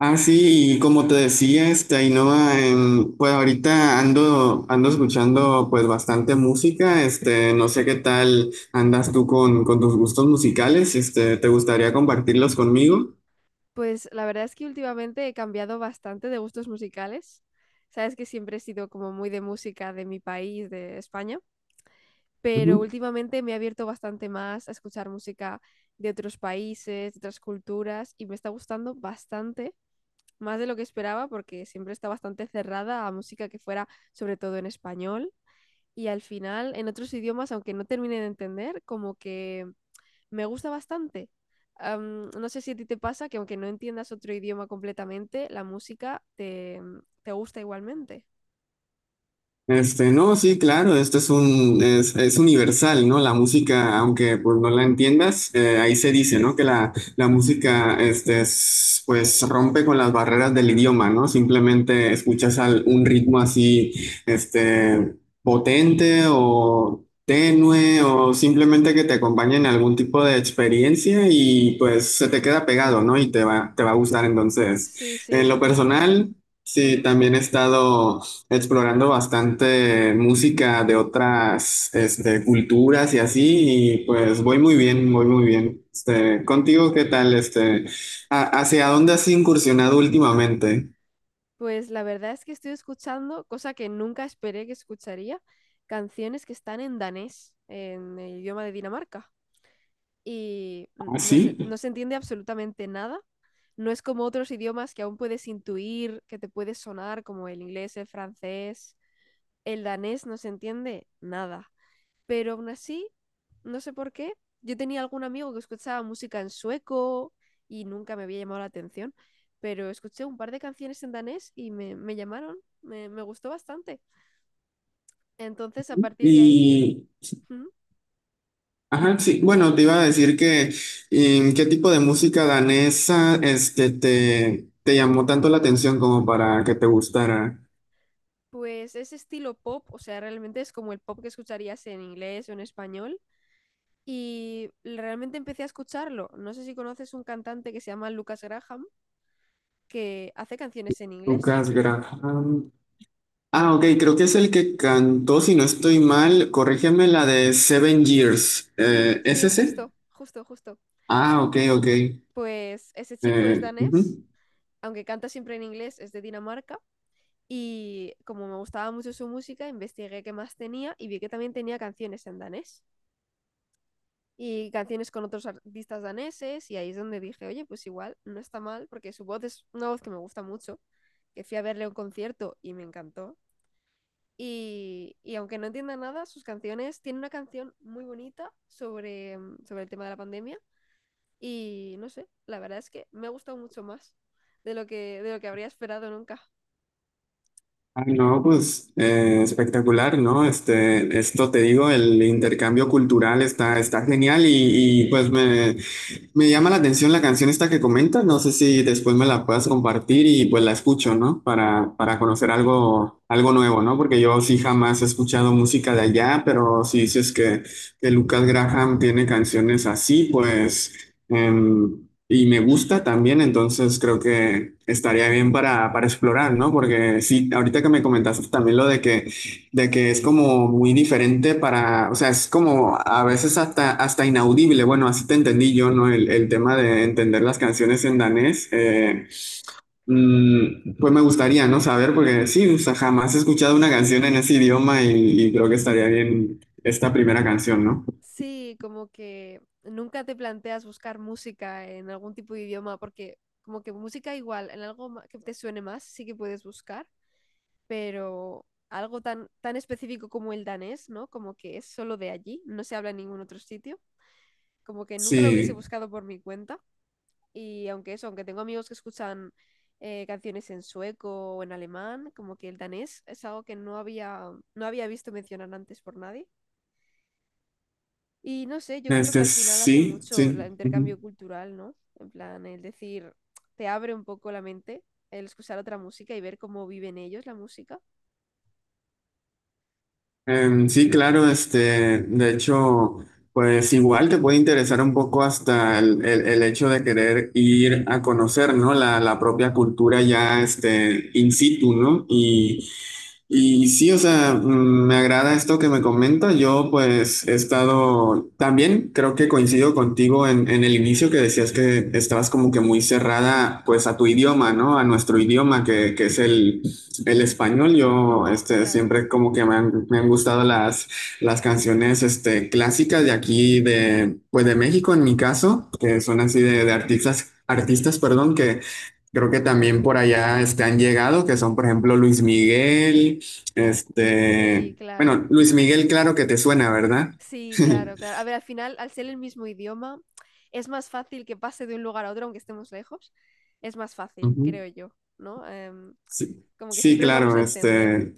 Ah, sí, y como te decía, Ainhoa, pues ahorita ando escuchando pues bastante música. No sé qué tal andas tú con tus gustos musicales. ¿Te gustaría compartirlos conmigo? Pues la verdad es que últimamente he cambiado bastante de gustos musicales. Sabes que siempre he sido como muy de música de mi país, de España, pero últimamente me he abierto bastante más a escuchar música de otros países, de otras culturas, y me está gustando bastante, más de lo que esperaba, porque siempre está bastante cerrada a música que fuera sobre todo en español. Y al final, en otros idiomas, aunque no termine de entender, como que me gusta bastante. No sé si a ti te pasa que aunque no entiendas otro idioma completamente, la te gusta igualmente. Este, no, sí, claro, esto es un, es universal, ¿no? La música, aunque pues no la entiendas, ahí se dice, ¿no? Que la música, pues rompe con las barreras del idioma, ¿no? Simplemente un ritmo así, este, potente o tenue o simplemente que te acompañe en algún tipo de experiencia y pues se te queda pegado, ¿no? Y te va a gustar. Entonces, Sí, en sí, lo justo. personal... Sí, Ujú. también he estado explorando bastante música de otras culturas y así, y pues voy muy bien, voy muy bien. Contigo, ¿qué tal? ¿Hacia dónde has incursionado últimamente? Pues la verdad es que estoy escuchando, cosa que nunca esperé que escucharía, canciones que están en danés, en el idioma de Dinamarca. Y Ah, no se, no sí. se entiende absolutamente nada. No es como otros idiomas que aún puedes intuir, que te puede sonar, como el inglés, el francés. El danés no se entiende nada, pero aún así, no sé por qué, yo tenía algún amigo que escuchaba música en sueco y nunca me había llamado la atención, pero escuché un par de canciones en danés y me llamaron, me gustó bastante. Entonces, a partir de ahí, Y, ajá, sí, bueno, te iba a decir que, ¿qué tipo de música danesa te llamó tanto la atención como para que te gustara? pues es estilo pop, o sea, realmente es como el pop que escucharías en inglés o en español. Y realmente empecé a escucharlo. No sé si conoces un cantante que se llama Lucas Graham, que hace canciones en inglés. Lucas Graham. Ah, ok, creo que es el que cantó, si no estoy mal, corrígeme la de Seven Years. Sí, ¿Es sí, ese? justo, justo, justo. Ah, ok, ok. Pues ese chico es danés, Ujú. aunque canta siempre en inglés, es de Dinamarca. Y como me gustaba mucho su música, investigué qué más tenía y vi que también tenía canciones en danés y canciones con otros artistas daneses. Y ahí es donde dije, oye, pues igual no está mal, porque su voz es una voz que me gusta mucho. Que fui a verle a un concierto y me encantó. Y aunque no entienda nada, sus canciones, tiene una canción muy bonita sobre el tema de la pandemia. Y no sé, la verdad es que me ha gustado mucho más de lo de lo que habría esperado nunca. Ah, no, pues espectacular, ¿no? Esto te digo, el intercambio cultural está genial y, pues me llama la atención la canción esta que comentas. No sé si después me la puedas compartir y pues la escucho, ¿no? Para conocer algo, algo nuevo, ¿no? Porque yo sí jamás he escuchado música de allá, pero si dices que Lucas Graham tiene canciones así, pues, y me gusta también, entonces creo que estaría bien para explorar, ¿no? Porque sí, ahorita que me comentaste también lo de que es como muy diferente para, o sea, es como a veces hasta inaudible. Bueno, así te entendí yo, ¿no? El tema de entender las canciones en danés. Pues me gustaría, ¿no? Saber, porque sí, o sea, jamás he escuchado una canción en ese idioma y creo que estaría bien esta primera canción, ¿no? Sí, como que nunca te planteas buscar música en algún tipo de idioma, porque como que música igual, en algo que te suene más, sí que puedes buscar, pero algo tan específico como el danés, ¿no? Como que es solo de allí, no se habla en ningún otro sitio, como que nunca lo hubiese Sí, buscado por mi cuenta. Y aunque eso, aunque tengo amigos que escuchan canciones en sueco o en alemán, como que el danés es algo que no no había visto mencionar antes por nadie. Y no sé, yo creo que este al final hace sí, mucho el sí. intercambio cultural, ¿no? En plan, el decir, te abre un poco la mente el escuchar otra música y ver cómo viven ellos la música. Sí, claro, de hecho, pues igual te puede interesar un poco hasta el hecho de querer ir a conocer, ¿no? La propia cultura ya, in situ, ¿no? Y sí, o sea, me agrada esto que me comenta. Yo pues he estado, también creo que coincido contigo en el inicio que decías que estabas como que muy cerrada pues a tu idioma, ¿no? A nuestro idioma que es el español. Yo Hmm, claro. siempre como que me han gustado las canciones clásicas de aquí, de, pues de México en mi caso, que son así de artistas, perdón, que... Creo que también por allá han llegado, que son, por ejemplo, Luis Miguel, Sí, bueno, claro. Luis Miguel, claro que te suena, ¿verdad? Sí, claro, claro. A ver, al final, al ser el mismo idioma, es más fácil que pase de un lugar a otro, aunque estemos lejos. Es más fácil, Ujú. creo yo, ¿no? Em, Sí, como que sí, siempre nos vamos claro, a entender.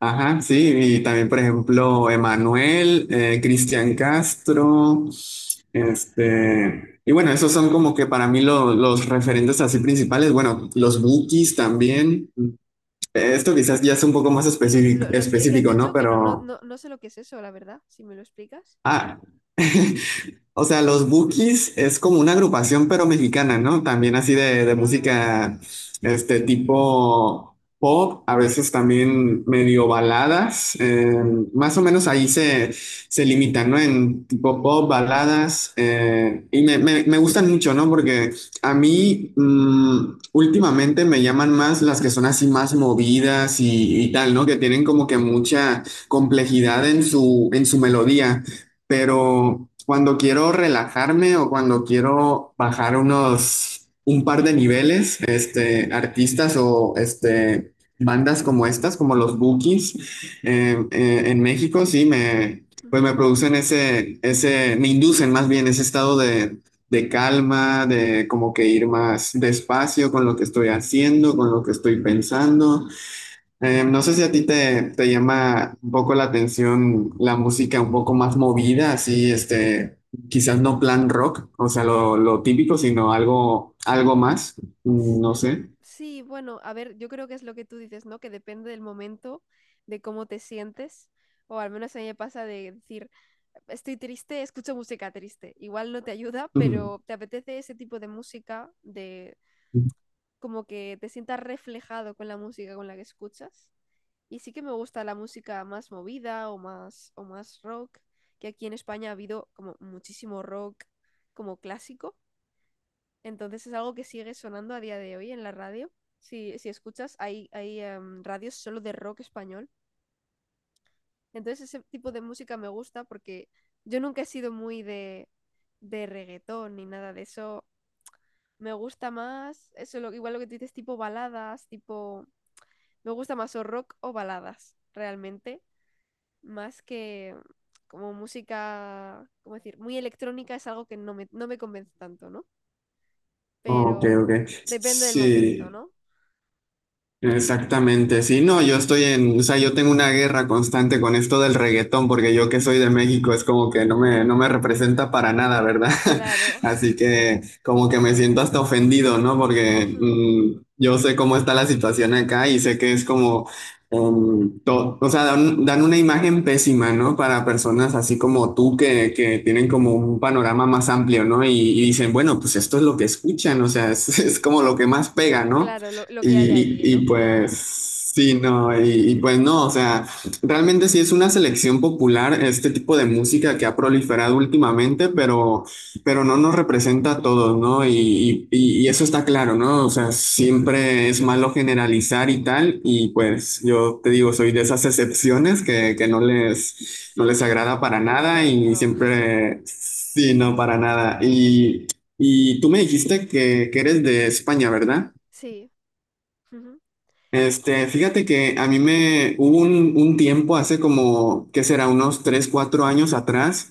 ajá, sí, y también, por ejemplo, Emanuel, Cristian Castro, y bueno, esos son como que para mí los referentes así principales, bueno, los Bukis también, esto quizás ya es un poco más Los que has específico, ¿no? dicho, que no, no, Pero, no, no sé lo que es eso, la verdad, si me lo explicas. ah, o sea, los Bukis es como una agrupación pero mexicana, ¿no? También así de Ah, música, este tipo pop, a veces también medio baladas, más o menos ahí se limitan, ¿no? En tipo pop, baladas, y me gustan mucho, ¿no? Porque a mí últimamente me llaman más las que son así más movidas y tal, ¿no? Que tienen como que mucha complejidad en su melodía, ujú, pero cuando quiero relajarme o cuando quiero bajar un par de niveles, artistas o bandas como estas, como los Bookies, en México, sí, pues ujú. me producen me inducen más bien ese estado de calma, de como que ir más despacio con lo que estoy haciendo, con lo que estoy pensando. No sé si a ti te llama un poco la atención la música un poco más movida, así, quizás no plan rock, o sea, lo típico, sino algo, algo más, no eh, sé. Sí, bueno, a ver, yo creo que es lo que tú dices, ¿no? Que depende del momento, de cómo te sientes, o al menos a mí me pasa de decir, estoy triste, escucho música triste. Igual no te ayuda, Ujú. pero te apetece ese tipo de música, de como que te sientas reflejado con la música con la que escuchas. Y sí que me gusta la música más movida o más rock, que aquí en España ha habido como muchísimo rock como clásico, entonces es algo que sigue sonando a día de hoy en la radio. Si, si escuchas, hay radios solo de rock español. Entonces ese tipo de música me gusta porque yo nunca he sido muy de reggaetón ni nada de eso. Me gusta más, eso lo, igual lo que tú dices, tipo baladas, tipo... Me gusta más o rock o baladas, realmente, más que como música, ¿cómo decir? Muy electrónica es algo que no no me convence tanto, ¿no? Ok, Pero ok. depende del momento, Sí. ¿no? Exactamente, sí, no, yo estoy en, o sea, yo tengo una guerra constante con esto del reggaetón, porque yo que soy de México es como que no no me representa para nada, ¿verdad? Claro. Así que como que me siento hasta ofendido, ¿no? Porque Ujú. Yo sé cómo está la situación acá y sé que es como, o sea, dan una imagen pésima, ¿no? Para personas así como tú que tienen como un panorama más amplio, ¿no? Y dicen, bueno, pues esto es lo que escuchan, o sea, es como lo que más pega, ¿no? Claro, lo que hay allí, ¿no? Pues sí, pues no, o sea, realmente sí es una selección popular este tipo de música que ha proliferado últimamente, pero no nos representa a todos, ¿no? Y eso está claro, ¿no? O sea, siempre es malo generalizar y tal, y pues yo te digo, soy de esas excepciones que no no Sí, les que agrada para no te nada gusta, y no. siempre, sí, no, para nada. Y tú me dijiste que eres de España, ¿verdad? Sí, ujú. Fíjate que a mí me hubo un tiempo hace como, ¿qué será? Unos 3 4 años atrás,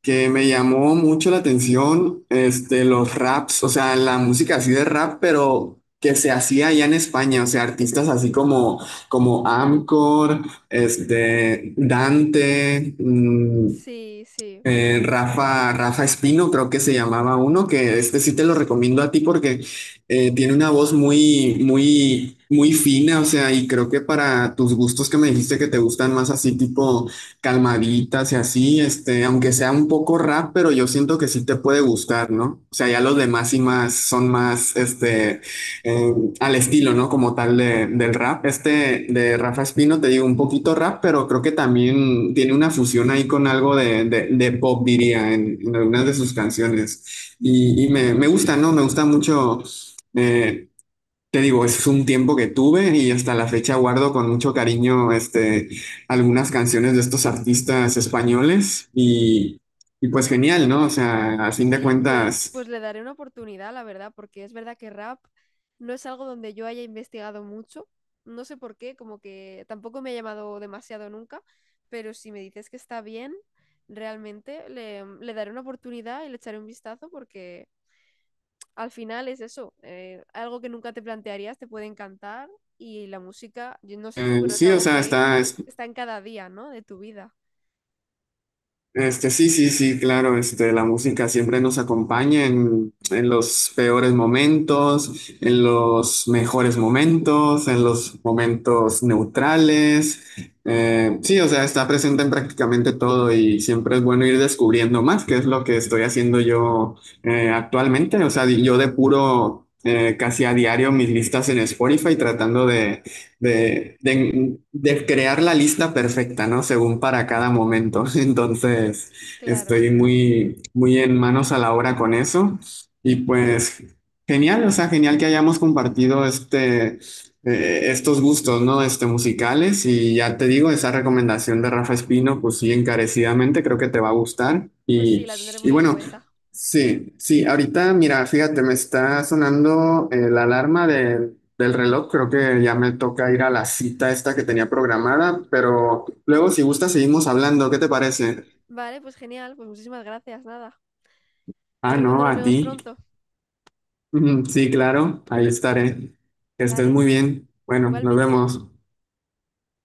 que me llamó mucho la atención, los raps, o sea, la música así de rap, pero que se hacía allá en España, o sea, artistas así como Amcor, Dante, Sí, sí. Rafa Espino, creo que se llamaba uno, que este sí te lo recomiendo a ti porque tiene una voz muy fina, o sea, y creo que para tus gustos que me dijiste que te gustan más así, tipo calmaditas y así, aunque sea un poco rap, pero yo siento que sí te puede gustar, ¿no? O sea, ya los demás y más son más, eh, al estilo, ¿no? Como tal del rap. Este de Rafa Espino, te digo, un poquito rap, pero creo que también tiene una fusión ahí con algo de pop, diría, algunas de sus canciones. Gusta, ¿no? Me gusta mucho. Eh, Te digo, es un tiempo que tuve y hasta la fecha guardo con mucho cariño algunas canciones de estos artistas españoles y pues genial, ¿no? O sea, a fin de Sí, pues, cuentas, pues le daré una oportunidad, la verdad, porque es verdad que rap no es algo donde yo haya investigado mucho. No sé por qué, como que tampoco me ha llamado demasiado nunca, pero si me dices que está bien, realmente le daré una oportunidad y le echaré un vistazo porque... al final es eso, algo que nunca te plantearías te puede encantar y la música, yo no sé tú, pero es sí, o algo sea, que está en cada día, ¿no? De tu vida. este, sí, sí, sí, claro, la música siempre nos acompaña en los peores momentos, en los mejores momentos, en los momentos neutrales. Sí, o sea, está presente en prácticamente todo y siempre es bueno ir descubriendo más, que es lo que estoy haciendo yo actualmente. O sea, yo depuro casi a diario mis listas en Spotify tratando de de crear la lista perfecta, ¿no? Según para cada momento. Entonces, Claro, estoy muy en manos a la obra con eso. Y pues, genial, o sea, genial que hayamos compartido estos gustos, ¿no? Musicales. Y ya te digo, esa recomendación de Rafa Espino, pues sí, encarecidamente creo que te va a gustar. pues sí, la tendré Y muy en bueno. cuenta. Ujú. Sí, sí, ahorita mira, fíjate, me está sonando la alarma de del reloj, creo que ya me toca ir a la cita esta que tenía programada, pero luego si gusta seguimos hablando, ¿qué te parece? Vale, pues genial, pues muchísimas gracias, nada. A Ah, ver cuándo no, nos a vemos ti. pronto. Sí, claro, ahí estaré. Que estés Vale, muy bien. Bueno, nos igualmente. vemos.